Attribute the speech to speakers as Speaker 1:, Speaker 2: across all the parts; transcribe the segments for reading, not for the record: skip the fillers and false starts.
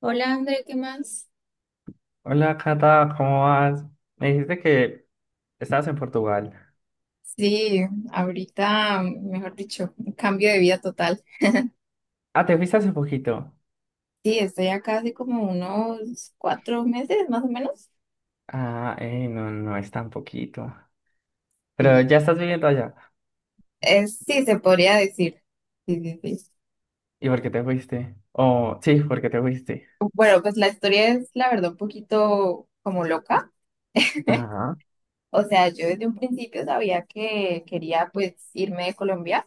Speaker 1: Hola, André, ¿qué más?
Speaker 2: Hola, Cata, ¿cómo vas? Me dijiste que estabas en Portugal.
Speaker 1: Sí, ahorita, mejor dicho, un cambio de vida total.
Speaker 2: Ah, te fuiste hace poquito.
Speaker 1: Sí, estoy acá hace como unos 4 meses más o menos.
Speaker 2: Ah, no, no es tan poquito. Pero
Speaker 1: Sí,
Speaker 2: ya estás viviendo allá.
Speaker 1: es, sí, se podría decir. Sí, sí, sí.
Speaker 2: ¿Y por qué te fuiste? Oh, sí, ¿por qué te fuiste?
Speaker 1: Bueno, pues la historia es, la verdad, un poquito como loca.
Speaker 2: Ajá,
Speaker 1: O sea, yo desde un principio sabía que quería pues irme de Colombia,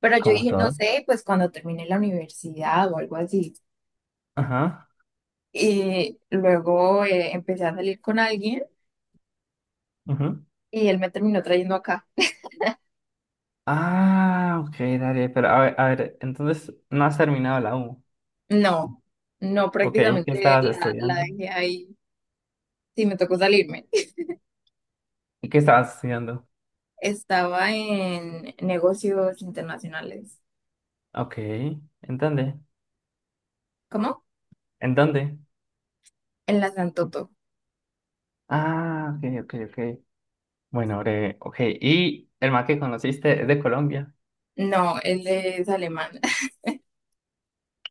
Speaker 1: pero yo
Speaker 2: como
Speaker 1: dije, no
Speaker 2: todos.
Speaker 1: sé, pues cuando termine la universidad o algo así.
Speaker 2: Ajá,
Speaker 1: Y luego empecé a salir con alguien
Speaker 2: ujú.
Speaker 1: y él me terminó trayendo acá.
Speaker 2: Ah, ok, dale, pero a ver, entonces no has terminado la U.
Speaker 1: No, no,
Speaker 2: Ok, ¿qué
Speaker 1: prácticamente
Speaker 2: estabas
Speaker 1: la
Speaker 2: estudiando?
Speaker 1: dejé ahí. Sí, me tocó salirme.
Speaker 2: ¿Y qué estabas estudiando?
Speaker 1: Estaba en negocios internacionales.
Speaker 2: Ok, ¿en dónde?
Speaker 1: ¿Cómo?
Speaker 2: ¿En dónde?
Speaker 1: En la Santoto.
Speaker 2: Ah, ok, ok, ok. Bueno, breve, ok. ¿Y el man que conociste es de Colombia?
Speaker 1: No, él es alemán.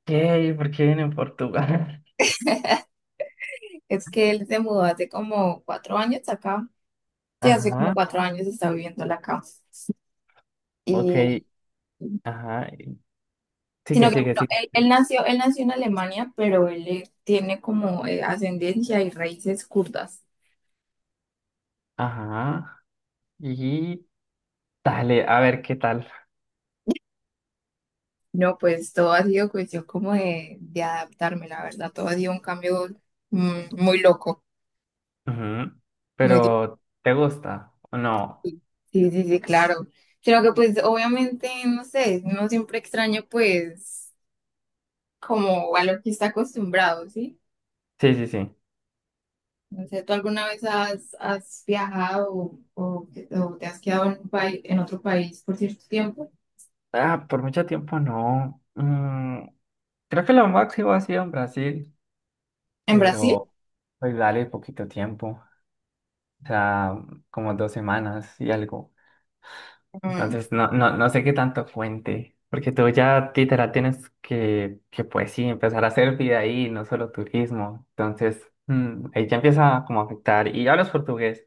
Speaker 2: ¿Qué? ¿Por qué viene en Portugal?
Speaker 1: Es que él se mudó hace como 4 años acá. Sí, hace como
Speaker 2: Ajá,
Speaker 1: 4 años está viviendo acá.
Speaker 2: ok,
Speaker 1: Y,
Speaker 2: ajá.
Speaker 1: sino
Speaker 2: Sigue,
Speaker 1: que bueno,
Speaker 2: sigue, sigue,
Speaker 1: él
Speaker 2: sigue.
Speaker 1: nació, en Alemania, pero él tiene como ascendencia y raíces kurdas.
Speaker 2: Ajá. Y dale, a ver qué tal.
Speaker 1: No, pues todo ha sido cuestión como de adaptarme, la verdad. Todo ha sido un cambio muy loco,
Speaker 2: Ujú.
Speaker 1: muy
Speaker 2: Pero, ¿te gusta o no?
Speaker 1: difícil. Sí, sí, sí, claro. Sino que pues obviamente, no sé, no siempre extraño pues como a lo que está acostumbrado, ¿sí?
Speaker 2: Sí, sí, sí.
Speaker 1: No sé, ¿tú alguna vez has viajado o te has quedado en un país, en otro país por cierto tiempo?
Speaker 2: Ah, por mucho tiempo no. Mm, creo que lo máximo ha sido en Brasil,
Speaker 1: ¿En Brasil?
Speaker 2: pero pues dale poquito tiempo. O sea, como dos semanas y algo.
Speaker 1: Mm,
Speaker 2: Entonces, no, no, no sé qué tanto cuente, porque tú ya literal tienes que pues sí, empezar a hacer vida ahí, no solo turismo. Entonces, ahí ya empieza como a afectar. Y hablas portugués.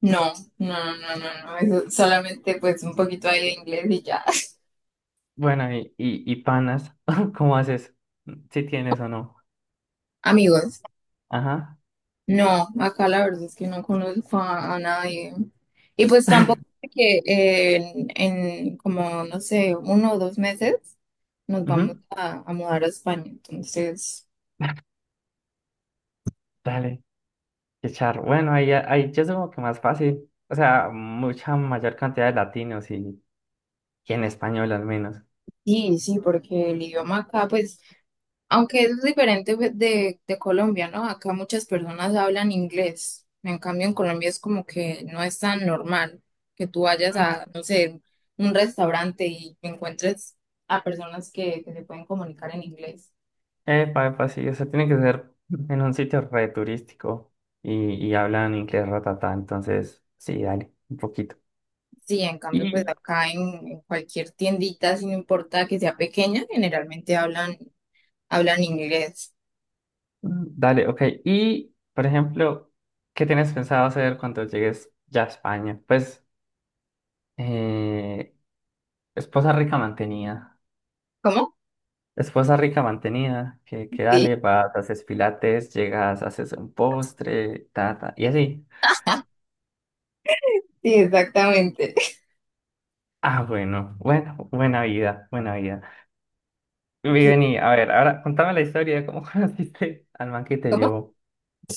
Speaker 1: no, no, no, no, no. Eso solamente pues un poquito ahí de inglés y ya.
Speaker 2: Bueno, y panas, ¿cómo haces? Si tienes o no.
Speaker 1: Amigos.
Speaker 2: Ajá,
Speaker 1: No, acá la verdad es que no conozco a nadie. Y pues tampoco sé que en como, no sé, 1 o 2 meses nos vamos
Speaker 2: ujú.
Speaker 1: a mudar a España. Entonces,
Speaker 2: Dale, qué charro. Bueno, ahí ya es como que más fácil. O sea, mucha mayor cantidad de latinos y en español al menos.
Speaker 1: sí, sí, porque el idioma acá, pues, aunque es diferente de, de Colombia, ¿no? Acá muchas personas hablan inglés. En cambio, en Colombia es como que no es tan normal que tú vayas a, no sé, un restaurante y encuentres a personas que se pueden comunicar en inglés.
Speaker 2: Epa, epa, sí, o sea, tiene que ser en un sitio re turístico y hablan inglés ratatá, entonces sí, dale, un poquito.
Speaker 1: Sí, en cambio, pues
Speaker 2: Y
Speaker 1: acá en cualquier tiendita, si no importa que sea pequeña, generalmente hablan inglés.
Speaker 2: dale, ok. Y, por ejemplo, ¿qué tienes pensado hacer cuando llegues ya a España? Pues, eh, esposa rica mantenida.
Speaker 1: ¿Cómo?
Speaker 2: Esposa rica mantenida, que dale,
Speaker 1: Sí,
Speaker 2: vas, haces pilates, llegas, haces un postre, ta, ta, y así.
Speaker 1: sí, exactamente.
Speaker 2: Ah, bueno, bueno, buena vida, buena vida. Vi,
Speaker 1: Sí.
Speaker 2: vení, a ver, ahora contame la historia de cómo conociste al man que te
Speaker 1: ¿Cómo?
Speaker 2: llevó.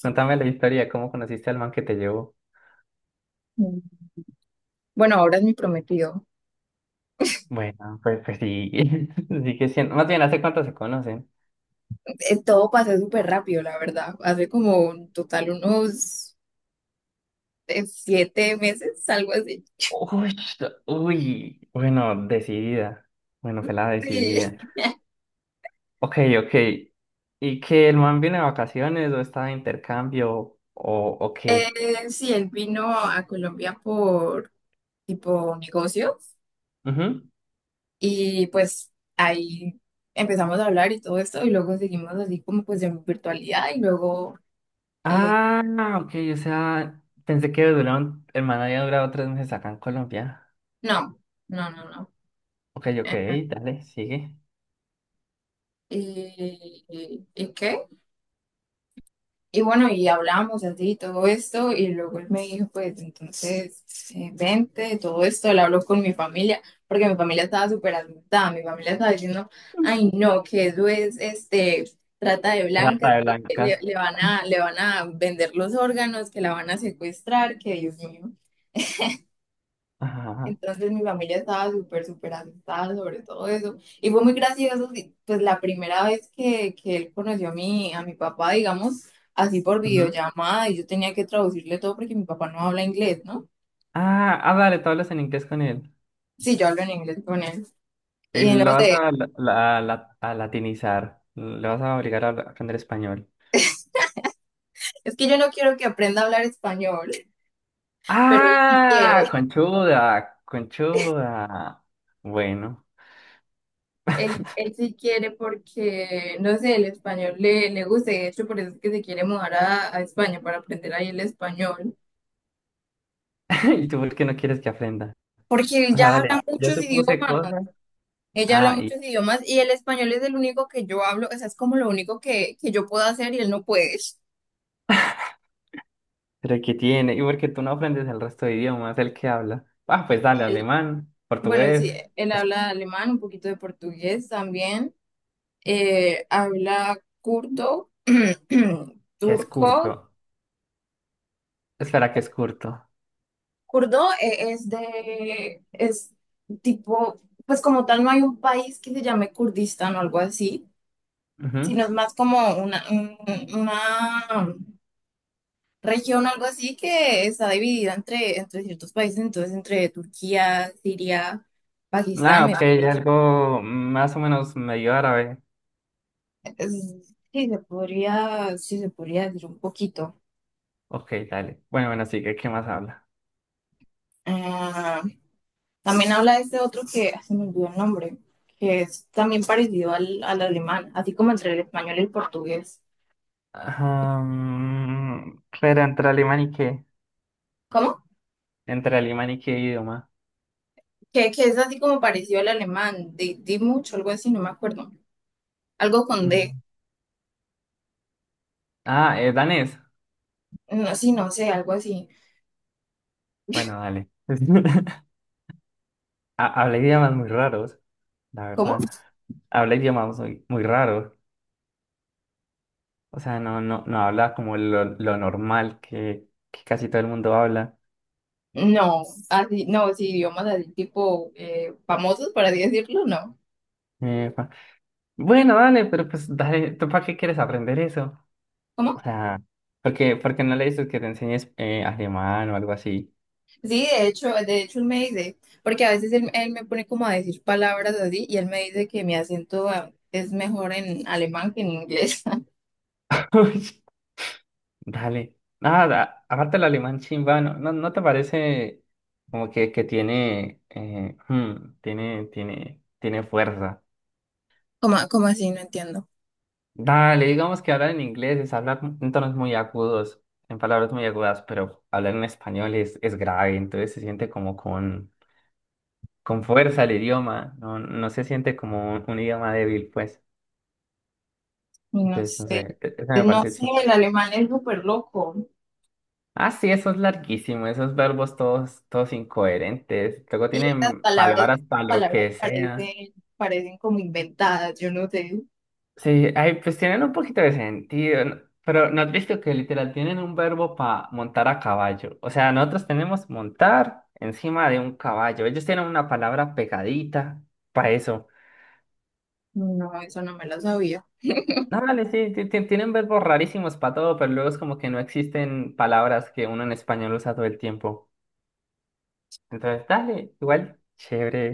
Speaker 2: Contame la historia de cómo conociste al man que te llevó.
Speaker 1: Mm. Bueno, ahora es mi prometido.
Speaker 2: Bueno, pues, pues sí, sí que siendo. Más bien, ¿hace cuánto se conocen?
Speaker 1: Todo pasó súper rápido, la verdad. Hace como en total unos 7 meses, algo así.
Speaker 2: Uy, uy, bueno, decidida. Bueno, la
Speaker 1: Sí.
Speaker 2: decidida. Ok, ok. ¿Y que el man viene de vacaciones o está de intercambio o qué?
Speaker 1: Sí, él vino a Colombia por tipo negocio.
Speaker 2: Ujú.
Speaker 1: Y pues ahí empezamos a hablar y todo esto, y luego seguimos así como pues en virtualidad, y luego, eh,
Speaker 2: Ah, ok, o sea, pensé que duraron, el man había durado tres meses acá en Colombia.
Speaker 1: no, no, no, no.
Speaker 2: Ok, ok, dale, sigue.
Speaker 1: ¿Y qué? Y bueno, y hablamos así y todo esto, y luego él me dijo, pues entonces, vente, todo esto, le hablo con mi familia, porque mi familia estaba súper asustada, mi familia estaba diciendo, ay no, que eso es, este, trata de
Speaker 2: Trata
Speaker 1: blancas,
Speaker 2: de
Speaker 1: que le,
Speaker 2: blancas.
Speaker 1: le van a, le van a vender los órganos, que la van a secuestrar, que Dios mío.
Speaker 2: Ajá.
Speaker 1: Entonces mi familia estaba súper, súper asustada sobre todo eso. Y fue muy gracioso, sí, pues la primera vez que él conoció a mi papá, digamos, así por
Speaker 2: Ujú.
Speaker 1: videollamada, y yo tenía que traducirle todo porque mi papá no habla inglés, ¿no?
Speaker 2: Ah, ah, dale, tú hablas en inglés con él.
Speaker 1: Sí, yo hablo en inglés con él.
Speaker 2: Y
Speaker 1: Y
Speaker 2: lo
Speaker 1: no
Speaker 2: vas
Speaker 1: sé,
Speaker 2: a, a latinizar. Le vas a aprender español.
Speaker 1: es que yo no quiero que aprenda a hablar español, pero él sí
Speaker 2: ¡Ah!
Speaker 1: quiere,
Speaker 2: Conchuda, conchuda. Bueno.
Speaker 1: él sí quiere porque, no sé, el español le gusta, y de hecho por eso es que se quiere mudar a España para aprender ahí el español.
Speaker 2: ¿Y tú por qué no quieres que aprenda?
Speaker 1: Porque él
Speaker 2: O
Speaker 1: ya
Speaker 2: sea, dale,
Speaker 1: habla
Speaker 2: yo
Speaker 1: muchos
Speaker 2: supuse
Speaker 1: idiomas.
Speaker 2: cosas.
Speaker 1: Ella habla
Speaker 2: Ah,
Speaker 1: muchos
Speaker 2: y
Speaker 1: idiomas y el español es el único que yo hablo, o sea, es como lo único que yo puedo hacer y él no puede.
Speaker 2: pero ¿qué tiene? ¿Y por qué tú no aprendes el resto de idiomas? El que habla. Ah, pues dale,
Speaker 1: Él,
Speaker 2: alemán,
Speaker 1: bueno, sí,
Speaker 2: portugués.
Speaker 1: él
Speaker 2: Pues,
Speaker 1: habla alemán, un poquito de portugués también, habla kurdo,
Speaker 2: que es
Speaker 1: turco.
Speaker 2: curto. Espera, que es curto.
Speaker 1: Kurdo es de, es tipo, pues como tal no hay un país que se llame Kurdistán o algo así,
Speaker 2: Ujú.
Speaker 1: sino es más como una, una región, algo así, que está dividida entre ciertos países, entonces entre Turquía, Siria, Pakistán,
Speaker 2: Ah,
Speaker 1: me
Speaker 2: ok,
Speaker 1: parece.
Speaker 2: algo más o menos medio árabe.
Speaker 1: Sí, se podría, sí, se podría decir un poquito.
Speaker 2: Ok, dale. Bueno, bueno, sí, ¿qué, qué más habla?
Speaker 1: Ah, también habla de este otro que se me olvidó el nombre, que es también parecido al, al alemán, así como entre el español y el portugués.
Speaker 2: Ah, pero entre alemán y qué.
Speaker 1: ¿Cómo?
Speaker 2: Entre alemán y qué idioma.
Speaker 1: Que es así como parecido al alemán, di, di mucho, algo así, no me acuerdo. Algo con
Speaker 2: Mm.
Speaker 1: D,
Speaker 2: Ah, danés.
Speaker 1: no, sí, no sé, algo así.
Speaker 2: Bueno, dale. Habla idiomas muy raros, la
Speaker 1: ¿Cómo?
Speaker 2: verdad. Habla idiomas muy, muy raros. O sea, no, no, no habla como lo normal que casi todo el mundo habla.
Speaker 1: No, así, no, sí, idiomas así tipo famosos, por así decirlo, no.
Speaker 2: Eh, pa- bueno, dale, pero pues dale, ¿tú para qué quieres aprender eso? O
Speaker 1: ¿Cómo?
Speaker 2: sea, porque, porque no le dices que te enseñes alemán o algo así.
Speaker 1: Sí, de hecho él me dice, porque a veces él me pone como a decir palabras así y él me dice que mi acento es mejor en alemán que en inglés.
Speaker 2: Uy, dale. Nada, aparte el alemán chimba, ¿no, no, no te parece como que tiene, tiene, tiene, tiene fuerza?
Speaker 1: ¿Cómo, cómo así? No entiendo.
Speaker 2: Dale, digamos que hablar en inglés es hablar en tonos muy agudos, en palabras muy agudas, pero hablar en español es grave, entonces se siente como con fuerza el idioma, no, no se siente como un idioma débil, pues.
Speaker 1: Y no
Speaker 2: Entonces, no
Speaker 1: sé,
Speaker 2: sé, eso me
Speaker 1: no
Speaker 2: parece
Speaker 1: sé,
Speaker 2: chimba.
Speaker 1: el alemán es súper loco
Speaker 2: Ah, sí, eso es larguísimo, esos verbos todos, todos incoherentes. Luego
Speaker 1: y estas
Speaker 2: tienen
Speaker 1: palabras,
Speaker 2: palabras para lo
Speaker 1: palabras
Speaker 2: que sea.
Speaker 1: parecen como inventadas, yo no sé.
Speaker 2: Sí, ay, pues tienen un poquito de sentido, ¿no? Pero ¿no has visto que literal tienen un verbo para montar a caballo? O sea, nosotros tenemos montar encima de un caballo. Ellos tienen una palabra pegadita para eso.
Speaker 1: No, eso no me lo sabía.
Speaker 2: No, vale, sí, tienen verbos rarísimos para todo, pero luego es como que no existen palabras que uno en español usa todo el tiempo. Entonces, dale, igual,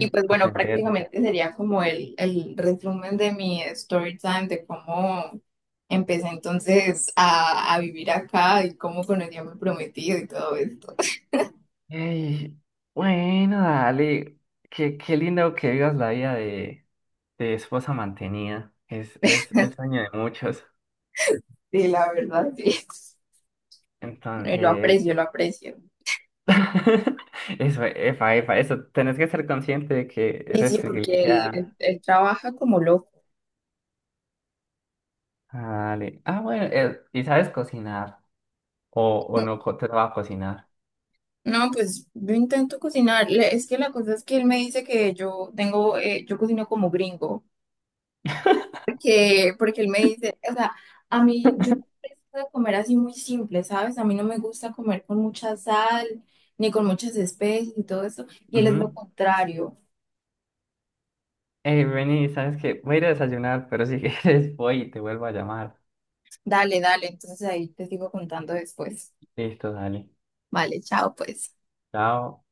Speaker 1: Y pues bueno,
Speaker 2: aprender.
Speaker 1: prácticamente sería como el resumen de mi story time, de cómo empecé entonces a vivir acá y cómo conocí a mi prometido y todo esto.
Speaker 2: Ey, bueno, dale. Qué, qué lindo que vivas la vida de esposa mantenida. Es el sueño de muchos.
Speaker 1: Sí, la verdad, sí. Y lo
Speaker 2: Entonces,
Speaker 1: aprecio, lo aprecio.
Speaker 2: eso, efa, efa, eso. Tenés que ser consciente de que
Speaker 1: Y
Speaker 2: eres
Speaker 1: sí, porque él,
Speaker 2: privilegiada.
Speaker 1: él, él trabaja como loco.
Speaker 2: Dale. Ah, bueno, y sabes cocinar. O no co- te va a cocinar.
Speaker 1: No, pues yo intento cocinar. Es que la cosa es que él me dice que yo tengo, yo cocino como gringo. Porque él me dice, o sea, a mí, yo de comer así muy simple, ¿sabes? A mí no me gusta comer con mucha sal, ni con muchas especies y todo eso. Y él es lo
Speaker 2: Ujú.
Speaker 1: contrario.
Speaker 2: Ey, vení, sabes que voy a ir a desayunar, pero si quieres voy y te vuelvo a llamar.
Speaker 1: Dale, dale, entonces ahí te sigo contando después.
Speaker 2: Listo, dale.
Speaker 1: Vale, chao, pues.
Speaker 2: Chao.